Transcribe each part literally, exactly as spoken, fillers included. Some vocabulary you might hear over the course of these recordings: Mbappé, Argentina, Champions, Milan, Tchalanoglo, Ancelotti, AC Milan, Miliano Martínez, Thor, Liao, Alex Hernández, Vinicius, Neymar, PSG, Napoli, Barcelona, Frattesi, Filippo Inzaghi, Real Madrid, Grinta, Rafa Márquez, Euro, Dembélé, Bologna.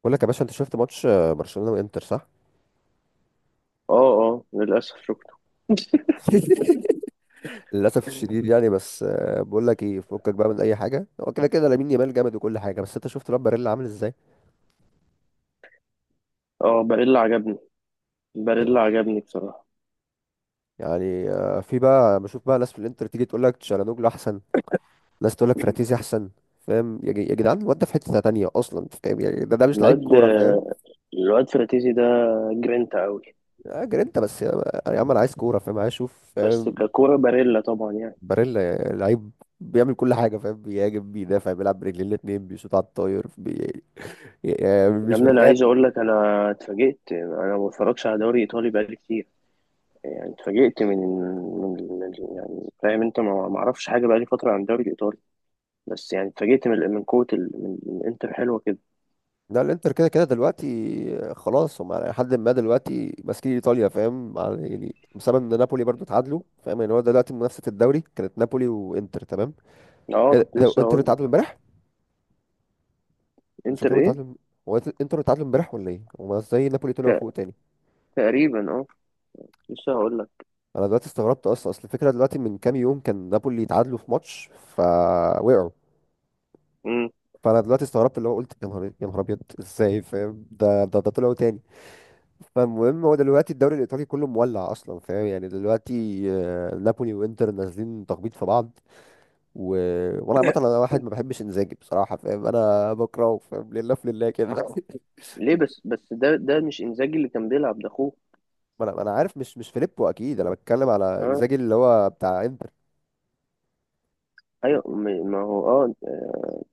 بقول لك يا باشا، انت شفت ماتش آه، برشلونة وانتر، صح؟ اه، اه، للأسف شفته. للاسف الشديد يعني، بس آه، بقول لك ايه، فكك بقى من اي حاجه، هو كده كده لامين يامال جامد وكل حاجه، بس انت شفت لامباريلا عامل ازاي؟ اه، باريلا عجبني. باريلا عجبني بصراحة. يعني، آه، في بقى بشوف بقى ناس في الانتر تيجي تقول لك تشالانوجلو احسن، ناس تقول لك فراتيزي احسن. فاهم يا جي- يا جدعان، الواد ده في حته تانية اصلا، انت فاهم يعني؟ ده, ده مش لعيب الواد كوره، فاهم؟ الواد فراتيزي ده جرينتا أوي. اجر انت بس يا يا عم، انا عايز كوره، فاهم؟ عايز اشوف، بس فاهم؟ ككورة باريلا طبعا، يعني. باريلا لعيب، بيعمل كل حاجه، فاهم؟ بيهاجم، بيدافع، بيلعب برجلين الاتنين، بيشوط على الطاير، يعني يا مش ابني، بني أنا عايز ادم. أقول لك، أنا اتفاجئت. أنا ما بتفرجش على دوري إيطالي بقالي كتير. يعني اتفاجئت من من من- يعني فاهم أنت، ما ما أعرفش حاجة بقالي فترة عن الدوري الإيطالي. بس يعني اتفاجئت من من قوة ال- من من إنتر حلوة كده. لا، الانتر كده كده دلوقتي، آه، خلاص، هم على حد ما دلوقتي ماسكين ايطاليا، فاهم؟ على- يعني بسبب ان نابولي برضو اتعادلوا، فاهم يعني؟ هو دلوقتي منافسه الدوري كانت نابولي وانتر، تمام. اه، ايه ده كنت إيه ده، لسه انتر هقول اتعادلوا لك. امبارح؟ إنتر شكلهم إيه؟ اتعادلوا. هو إنت- انتر اتعادلوا امبارح ولا ايه؟ هما ازاي نابولي طلعوا ت- فوق تاني؟ تقريبا. اه، لسه هقول انا دلوقتي استغربت اصلا، اصل الفكره دلوقتي من كام يوم كان نابولي اتعادلوا في ماتش، فوقعوا. لك. فانا دلوقتي استغربت، اللي هو قلت يا نهار إيه، يا نهار ابيض، ازاي فاهم؟ ده ده ده طلعوا تاني. فالمهم، هو دلوقتي الدوري الايطالي كله مولع اصلا، فاهم يعني؟ دلوقتي آه، نابولي وانتر نازلين تخبيط في بعض و... وانا عامه، انا واحد ما بحبش انزاجي بصراحه، فاهم؟ انا بكرهه فاهم، لله في لله كده. ليه؟ بس بس ده ده مش انزاجي اللي كان بيلعب، ده اخوه. ما انا ما انا عارف مش مش فيليبو اكيد، انا بتكلم على اه، انزاجي اللي هو بتاع انتر. ايوه، م- ما هو، اه.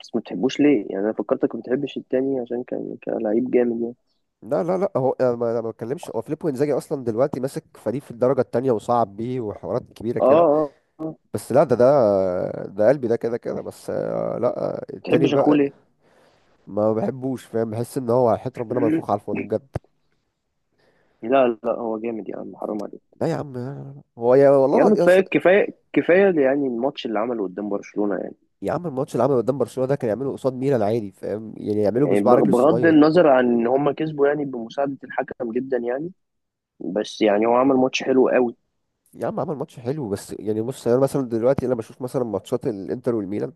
بس ما بتحبوش ليه؟ يعني انا فكرتك ما بتحبش التاني عشان كان كان لعيب جامد يعني. لا لا لا، هو انا ما أنا ما بتكلمش، هو فيليبو انزاجي اصلا دلوقتي ماسك فريق في الدرجه التانية وصعب بيه وحوارات كبيره اه، كده. اه، آه. ما بس لا، ده ده ده قلبي، ده كده كده بس، آه، لا آه، التاني بتحبش اخوه بقى. ليه؟ ما بحبوش، فاهم؟ بحس ان هو حياة ربنا منفوخ على الفاضي بجد. لا، لا، هو جامد يا عم، حرام عليك. لا يا عم، هو يا والله يا عم العظيم يا, كفايه، أصل- كفايه، كفايه. يعني الماتش اللي عمله قدام برشلونه يعني. يا عم، الماتش اللي عمله قدام برشلونة ده كان يعمله قصاد ميلان عادي، فاهم يعني؟ يعمله يعني بصباع بغ- رجله بغض الصغير. النظر عن ان هم كسبوا، يعني بمساعده الحكم جدا يعني. بس يعني هو عمل ماتش حلو قوي. يا عم، عمل ماتش حلو بس يعني بص، انا مثلا دلوقتي انا بشوف مثلا ماتشات الانتر والميلان،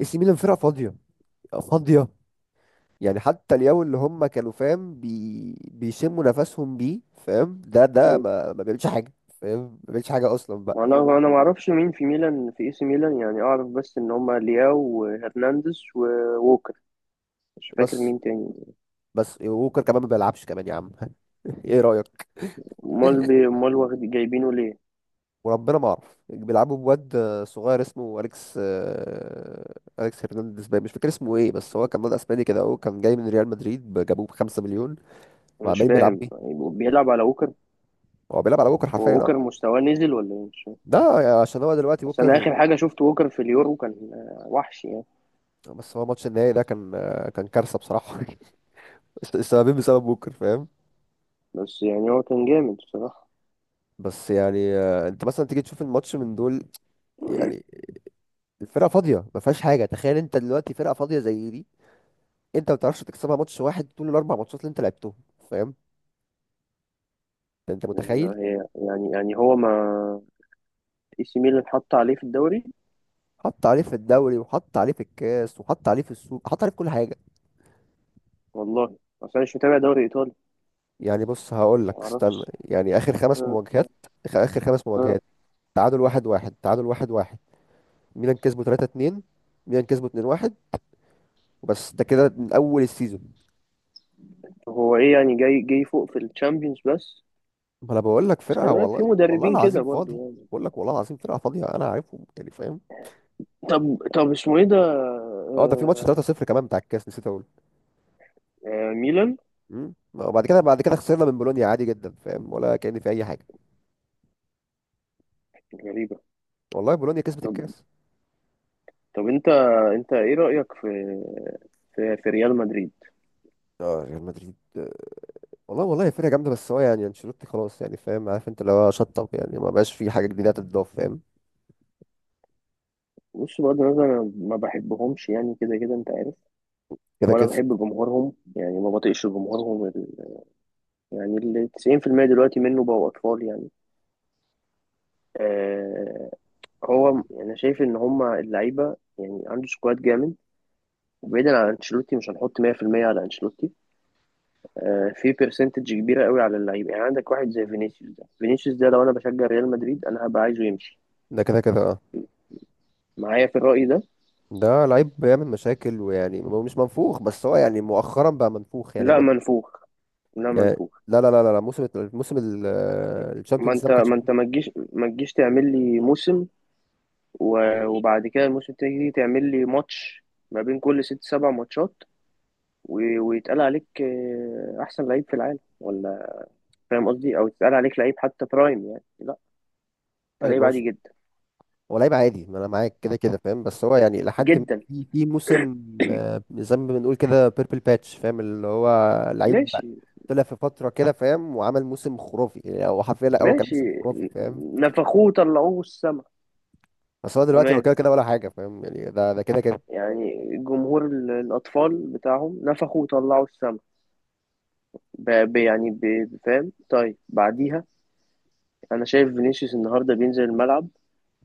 اي سي ميلان فرقة فاضية، فاضية. يعني حتى اليوم اللي هم كانوا فاهم بي... بيشموا نفسهم بيه، فاهم؟ ده ده ما, ما بيعملش حاجة، فاهم؟ ما بيعملش حاجة اصلا بقى. وانا انا ما اعرفش مين في ميلان، في اي سي ميلان. يعني اعرف بس ان هما لياو وهرنانديز ووكر. مش فاكر بس مين تاني. بس ووكر كمان ما بيلعبش كمان يا عم. ايه رأيك؟ امال بي- امال واخد جايبينه ليه؟ وربنا ما اعرف، بيلعبوا بواد صغير اسمه اليكس، آه، اليكس هرنانديز باين، مش فاكر اسمه ايه، بس هو كان واد اسباني كده، اهو كان جاي من ريال مدريد، ب- جابوه ب خمسة مليون أنا مش وعمال بيلعب فاهم، بيه. يعني بيلعب على ووكر؟ هو بيلعب على بوكر هو حرفيا، اه، ووكر مستواه نزل ولا ايه؟ مش فاهم. ده يعني عشان هو دلوقتي بس انا اخر بوكر. حاجه شفت ووكر في اليورو كان، آه، وحش يعني. بس هو ماتش النهائي ده كان آه، كان كارثه بصراحه. السببين بسبب بوكر، فاهم؟ بس يعني هو كان جامد بصراحه. بس يعني آه، انت مثلا تيجي تشوف الماتش من دول، يعني الفرقه فاضيه، ما فيهاش حاجه، تخيل انت دلوقتي فرقه فاضيه زي دي، انت ما بتعرفش تكسبها ماتش واحد طول الاربع ماتشات اللي انت لعبتهم، فاهم؟ انت آه، متخيل؟ هي يعني يعني هو ما... اي سي ميلان حط عليه في الدوري. حط عليه في الدوري، وحط عليه في الكاس، وحط عليه في السوق، حط عليه في كل حاجة. والله اصل انا مش متابع دوري ايطالي. يعني بص، هقول ما لك استنى، اعرفش. يعني آخر خمس آه، مواجهات، آخر آخر خمس آه. مواجهات: تعادل واحد واحد تعادل واحد واحد ميلان كسبوا ثلاثة اتنين، ميلان كسبوا اتنين واحد، وبس ده كده من أول السيزون. هو ايه يعني جاي جاي فوق في الشامبيونز بس. ما أنا بقول لك، بس خلي فرقة بالك في والله والله مدربين كده العظيم برضو فاضي. يعني. بقول لك والله العظيم فرقة فاضية، أنا عارفهم يعني، فاهم؟ طب، طب اسمه ايه ده؟ اه، ده في ماتش آه، ثلاثة صفر كمان بتاع الكاس، نسيت اقول. آه، ميلان. امم وبعد كده بعد كده خسرنا من بولونيا عادي جدا، فاهم؟ ولا كأن في اي حاجه. غريبة. والله بولونيا كسبت طب، الكاس. طب انت انت ايه رأيك في في, في ريال مدريد؟ اه ريال مدريد، آه، والله والله فرقة جامدة، بس هو يعني انشيلوتي خلاص يعني، فاهم عارف انت اللي هو شطب يعني، ما بقاش في حاجة جديدة تتضاف، فاهم؟ بص، بغض النظر انا ما بحبهمش يعني، كده كده انت عارف. كده ولا كده. بحب جمهورهم، يعني ما بطيقش جمهورهم ال- يعني ال تسعين في المية دلوقتي منه بقوا اطفال يعني. آه، هو انا شايف ان هما اللعيبة يعني، عنده سكواد جامد. وبعيدا عن انشيلوتي، مش هنحط مية في المية على انشيلوتي. آه، في برسنتج كبيره قوي على اللعيبه. يعني عندك واحد زي فينيسيوس. ده فينيسيوس ده، لو انا بشجع ريال مدريد انا هبقى عايزه يمشي ده كده كده، اه معايا في الراي ده. ده لعيب بيعمل مشاكل، ويعني هو مش منفوخ، بس هو يعني مؤخرا بقى منفوخ يعني لا بقى. منفوخ، لا يعني، منفوخ. لا لا لا لا لا، موسم موسم ما الشامبيونز ده انت ما كانش. ما انت ما تجيش ما تجيش تعمل لي موسم، و- وبعد كده الموسم تيجي تعمل لي ماتش ما بين كل ست سبع ماتشات، و- ويتقال عليك آه، احسن لعيب في العالم، ولا فاهم قصدي؟ او يتقال عليك لعيب حتى برايم، يعني لا، انت اي، لعيب ما عادي مش جدا. هو لعيب عادي، ما انا معاك كده كده فاهم، بس هو يعني لحد ما جدا. في في موسم آه، زي ما بنقول كده بيربل باتش، فاهم؟ اللي هو لعيب ماشي. طلع في فترة كده فاهم، وعمل موسم خرافي، يعني هو حرفيا، لا هو كان ماشي. موسم خرافي، فاهم؟ نفخوه طلعوه السما. بس هو دلوقتي هو تمام. كده كده ولا حاجه، فاهم يعني؟ ده ده كده كده. يعني جمهور ال- الأطفال بتاعهم نفخوا وطلعوا السما. ب- ب- يعني ب- فاهم؟ طيب بعديها أنا شايف فينيسيوس النهاردة بينزل الملعب.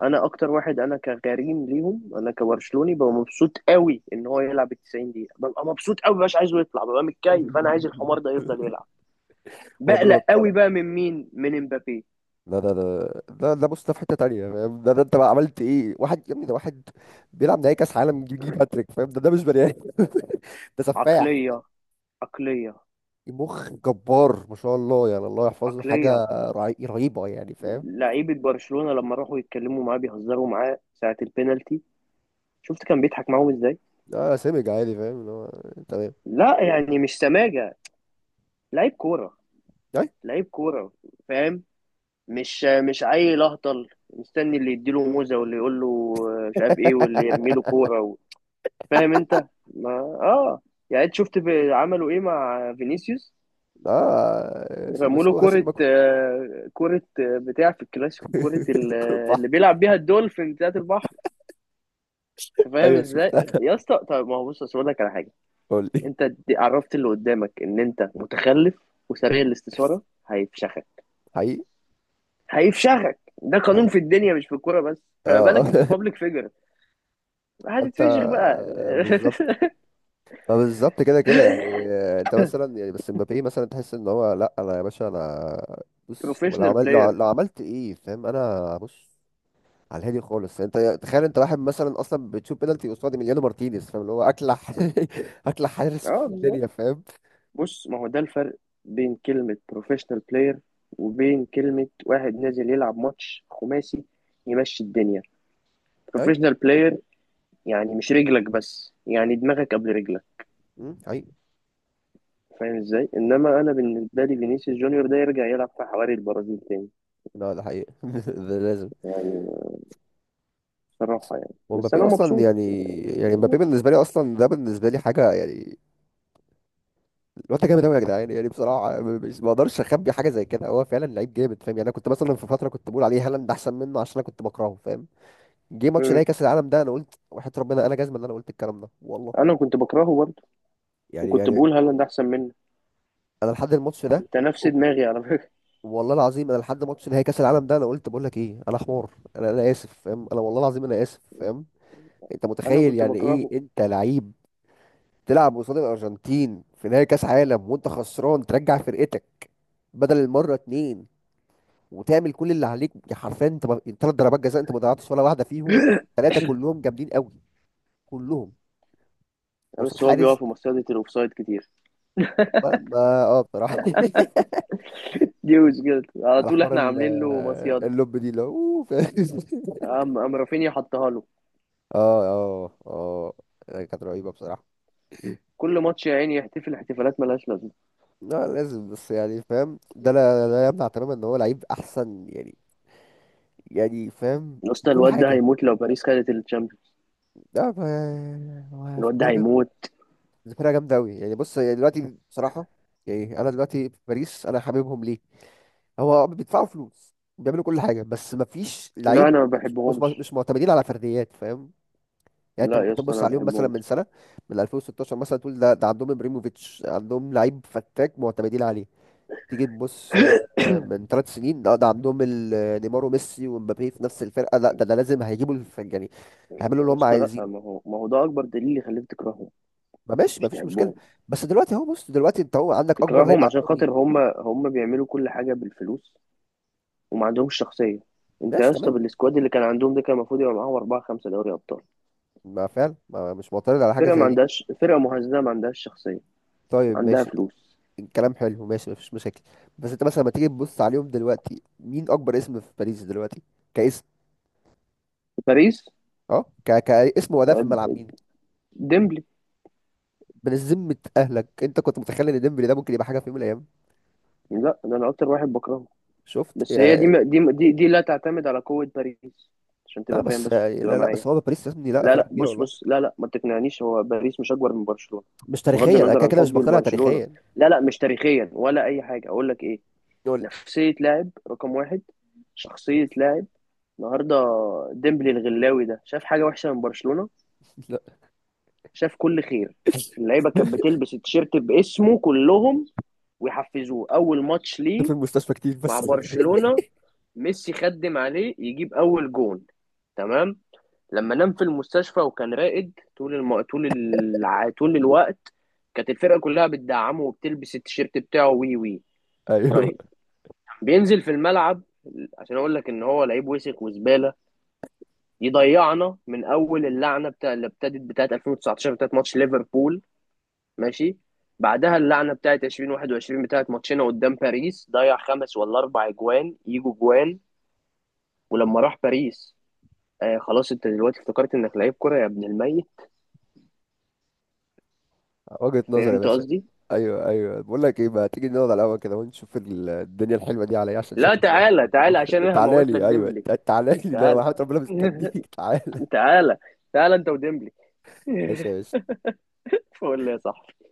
أنا أكتر واحد، أنا كغريم ليهم، أنا كبرشلوني ببقى مبسوط قوي إن هو يلعب ال تسعين دقيقة. ببقى مبسوط قوي، مش عايزه يطلع، ببقى متكيف. أنا عايز الحمار ده يفضل يلعب. وربنا ما بقلق طالع، قوي بقى من مين؟ من امبابي. ده ده ده ده, ده بص، ده في حته تانيه، فاهم؟ ده ده انت بقى عملت ايه؟ واحد يا ابني ده، واحد بيلعب نهائي كاس عالم يجيب هاتريك، فاهم؟ ده ده مش بني ادم. ده سفاح، عقلية. عقلية. مخ جبار، ما شاء الله يعني، الله يحفظه، حاجه عقلية. رهي- رهيبه يعني، فاهم؟ لعيبة برشلونة لما راحوا يتكلموا معاه بيهزروا معاه ساعة البينالتي. شفت كان بيضحك معاهم ازاي؟ اه، سمج عادي، فاهم؟ اللي هو تمام. لا يعني، مش سماجة. لعيب كورة. أي. لعيب كورة. فاهم. مش مش عيل اهطل مستني اللي يديله موزة، واللي يقول له آه، مش عارف ايه، واللي يرمي له كورة و... فاهم انت؟ ما، اه يعني انت شفت ب- عملوا ايه مع فينيسيوس. اه رموا له مسكوه غسيل كورة، ومكوه. آه، كورة، آه، بتاع في الكلاسيكو، كورة ال- كل البحر. اللي بيلعب بيها الدولفين بتاعت البحر. انت فاهم ايوه ازاي شفتها، يا اسطى؟ طب ما هو بص، أصل اقول لك على حاجة. قول لي. انت دي- عرفت اللي قدامك ان انت متخلف وسريع الاستثارة. هيفشخ. حقيقي، هيفشخك. ده قانون في حقيقي، الدنيا مش في الكوره بس، فما بالك اه. انت بابليك فيجر؟ انت هتتفشخ بقى. بالظبط، اه بالظبط كده كده، يعني آه، انت مثلا يعني بس مبابي مثلا، تحس ان هو، لا انا يا باشا انا بص، لو بروفيشنال عملت لو, بلاير. لو عملت ايه، فاهم؟ انا بص على الهادي خالص، يعني انت تخيل انت واحد مثلا اصلا بتشوف بينالتي قصاد ميليانو مارتينيز، فاهم؟ اللي هو اكلح، اكلح حارس في اه الدنيا، بالظبط. فاهم؟ بص، ما هو ده الفرق بين كلمه بروفيشنال بلاير، وبين كلمه واحد نازل يلعب ماتش خماسي يمشي الدنيا. اي. بروفيشنال بلاير يعني مش رجلك بس، يعني دماغك قبل رجلك. امم، حقيقي. فاهم ازاي؟ انما انا بالنسبه لي فينيسيوس جونيور ده يرجع يلعب في حواري البرازيل تاني لا ده حقيقي، ده لازم. يعني، بصراحه يعني. بس ومبابي انا اصلا مبسوط. يعني يعني مبابي بالنسبه لي اصلا، ده بالنسبه لي حاجه يعني. الواد ده جامد قوي يا جدعان، يعني بصراحه م- مش ما اقدرش اخبي حاجه زي كده، هو فعلا لعيب جامد، فاهم يعني؟ انا كنت مثلا في فتره كنت بقول عليه هالاند احسن منه، عشان انا كنت بكرهه فاهم. جه ماتش م- نهائي كاس العالم ده، انا قلت وحياه ربنا انا جزمه ان انا قلت الكلام ده والله. انا كنت بكرهه برضه، يعني وكنت يعني بقول هالاند احسن منه. انا لحد الماتش ده، انت نفس دماغي على فكره. والله العظيم انا لحد ماتش نهائي كاس العالم ده، انا قلت بقول لك ايه، انا حمار، انا انا اسف، فاهم؟ انا والله العظيم انا اسف، فاهم؟ انت انا متخيل كنت يعني ايه بكرهه. انت لعيب تلعب قصاد الارجنتين في نهائي كاس عالم، وانت خسران ترجع فرقتك بدل المره اتنين، وتعمل كل اللي عليك؟ يا حرفيا انت، ثلاث ضربات جزاء انت ما ضيعتش ولا واحده فيهم، ثلاثه كلهم جامدين قوي، كلهم قصاد بس هو حارس. بيقف في مصيدة الاوفسايد كتير. ما, ما اه بصراحه. دي مشكلته على على طول، حوار احنا ال- عاملين له آه، مصيدة. اللب دي، اللي هو أوه، فاهم؟ قام قام رافينيا حطها له. اه اه، اه كانت رهيبه بصراحه. كل ماتش يا عيني يحتفل احتفالات ملهاش لازمه. لا لازم، بس يعني فاهم ده، لا, لا يمنع تماما ان هو لعيب احسن يعني، يعني فاهم يا في اسطى كل الواد ده حاجه. هيموت لو باريس خدت الشامبيونز. لا ف- هو في الواد ده فرقه، هيموت. فرقة جامده قوي، يعني بص، يعني دلوقتي بصراحه، يعني انا دلوقتي في باريس انا حاببهم ليه؟ هو بيدفعوا فلوس، بيعملوا كل حاجه، بس ما فيش لا لعيب، انا ما مش مش بحبهمش. مش معتمدين على فرديات، فاهم؟ يعني انت لا يا كنت اسطى، انا تبص ما عليهم مثلا من بحبهمش. سنه من ألفين وستاشر مثلا تقول ده, ده عندهم ابريموفيتش، عندهم لعيب فتاك معتمدين عليه. تيجي تبص آه، من ثلاث سنين، لا ده عندهم ال- نيمار وميسي ومبابي في نفس الفرقه، لا ده, ده لازم هيجيبوا الف- يعني هيعملوا اللي يا هم اسطى لا، عايزين. ما هو ما هو ده اكبر دليل يخليك تكرههم. ما ماشي، مش ما فيش مشكله. تحبهم. بس دلوقتي اهو بص، دلوقتي انت هو عندك اكبر لعيب تكرههم عشان عندهم مين؟ خاطر هم هم بيعملوا كل حاجه بالفلوس وما عندهمش شخصيه. انت ماشي يا اسطى تمام، بالسكواد اللي كان عندهم ده، كان المفروض يبقى معاهم اربعه خمسه دوري ابطال. ما فعلا ما مش معترض على حاجه فرقه ما زي دي، عندهاش، فرقه مهزله، ما عندهاش شخصيه. طيب عندها ماشي، فلوس. كلام حلو، ماشي مفيش مشاكل. بس انت مثلا لما تيجي تبص عليهم دلوقتي، مين اكبر اسم في باريس دلوقتي؟ كاسم، باريس، اه ك... كاسم واداء في آه، الملعب، مين؟ ديمبلي. من ذمة اهلك، انت كنت متخيل ان ديمبلي ده ممكن يبقى حاجه في يوم من الايام؟ لا ده انا اكتر واحد بكرهه. شفت بس هي يا. دي دي دي, دي لا تعتمد على قوه باريس عشان لا، تبقى فاهم، بس، بس تبقى لا لا، معايا. بس هو باريس يا ابني، لا لا، فرقه لا، كبيره بص، بص، والله. لا، لا، ما تقنعنيش. هو باريس مش اكبر من برشلونه. مش بغض تاريخيا، انا النظر كده عن كده مش حبي مقتنع لبرشلونه. تاريخيا. لا، لا، مش تاريخيا، ولا اي حاجه. اقول لك ايه؟ يقول. نفسية لاعب رقم واحد، شخصية لاعب. النهاردة ديمبلي الغلاوي ده شاف حاجة وحشة من برشلونة؟ لا. شاف كل خير. اللعيبة كانت بتلبس التيشيرت باسمه كلهم، ويحفزوه أول ماتش ليه في المستشفى كتير مع بس. برشلونة. ميسي خدم عليه يجيب أول جون. تمام. لما نام في المستشفى، وكان راقد طول الم... طول الع... طول الوقت، كانت الفرقة كلها بتدعمه وبتلبس التيشيرت بتاعه وي وي. ايوه، طيب، بينزل في الملعب عشان اقول لك ان هو لعيب وسخ وزباله، يضيعنا من اول اللعنه بتاع اللي ابتدت بتاعه ألفين وتسعتاشر بتاعه ماتش ليفربول. ماشي. بعدها اللعنه بتاعه ألفين وواحد وعشرين بتاعه ماتشنا قدام باريس. ضيع خمس ولا اربع اجوان يجوا جوان. ولما راح باريس، آه خلاص انت دلوقتي افتكرت انك لعيب كره يا ابن الميت؟ وجهة نظر يا فهمت باشا. قصدي؟ ايوه ايوه، بقول لك ايه بقى، تيجي نقعد على القهوه كده ونشوف ال- الدنيا الحلوه دي عليا، عشان لا، شكله حوار تعالى، تعالى عشان البحر. انا تعالى هموت لك لي، ايوه، ديمبلي. تعالى لي، ده انا تعالى. وحياة ربنا مستنيك. تعالى. تعالى. تعالى انت وديمبلي. ماشي يا باشا. فقول لي يا صاحبي.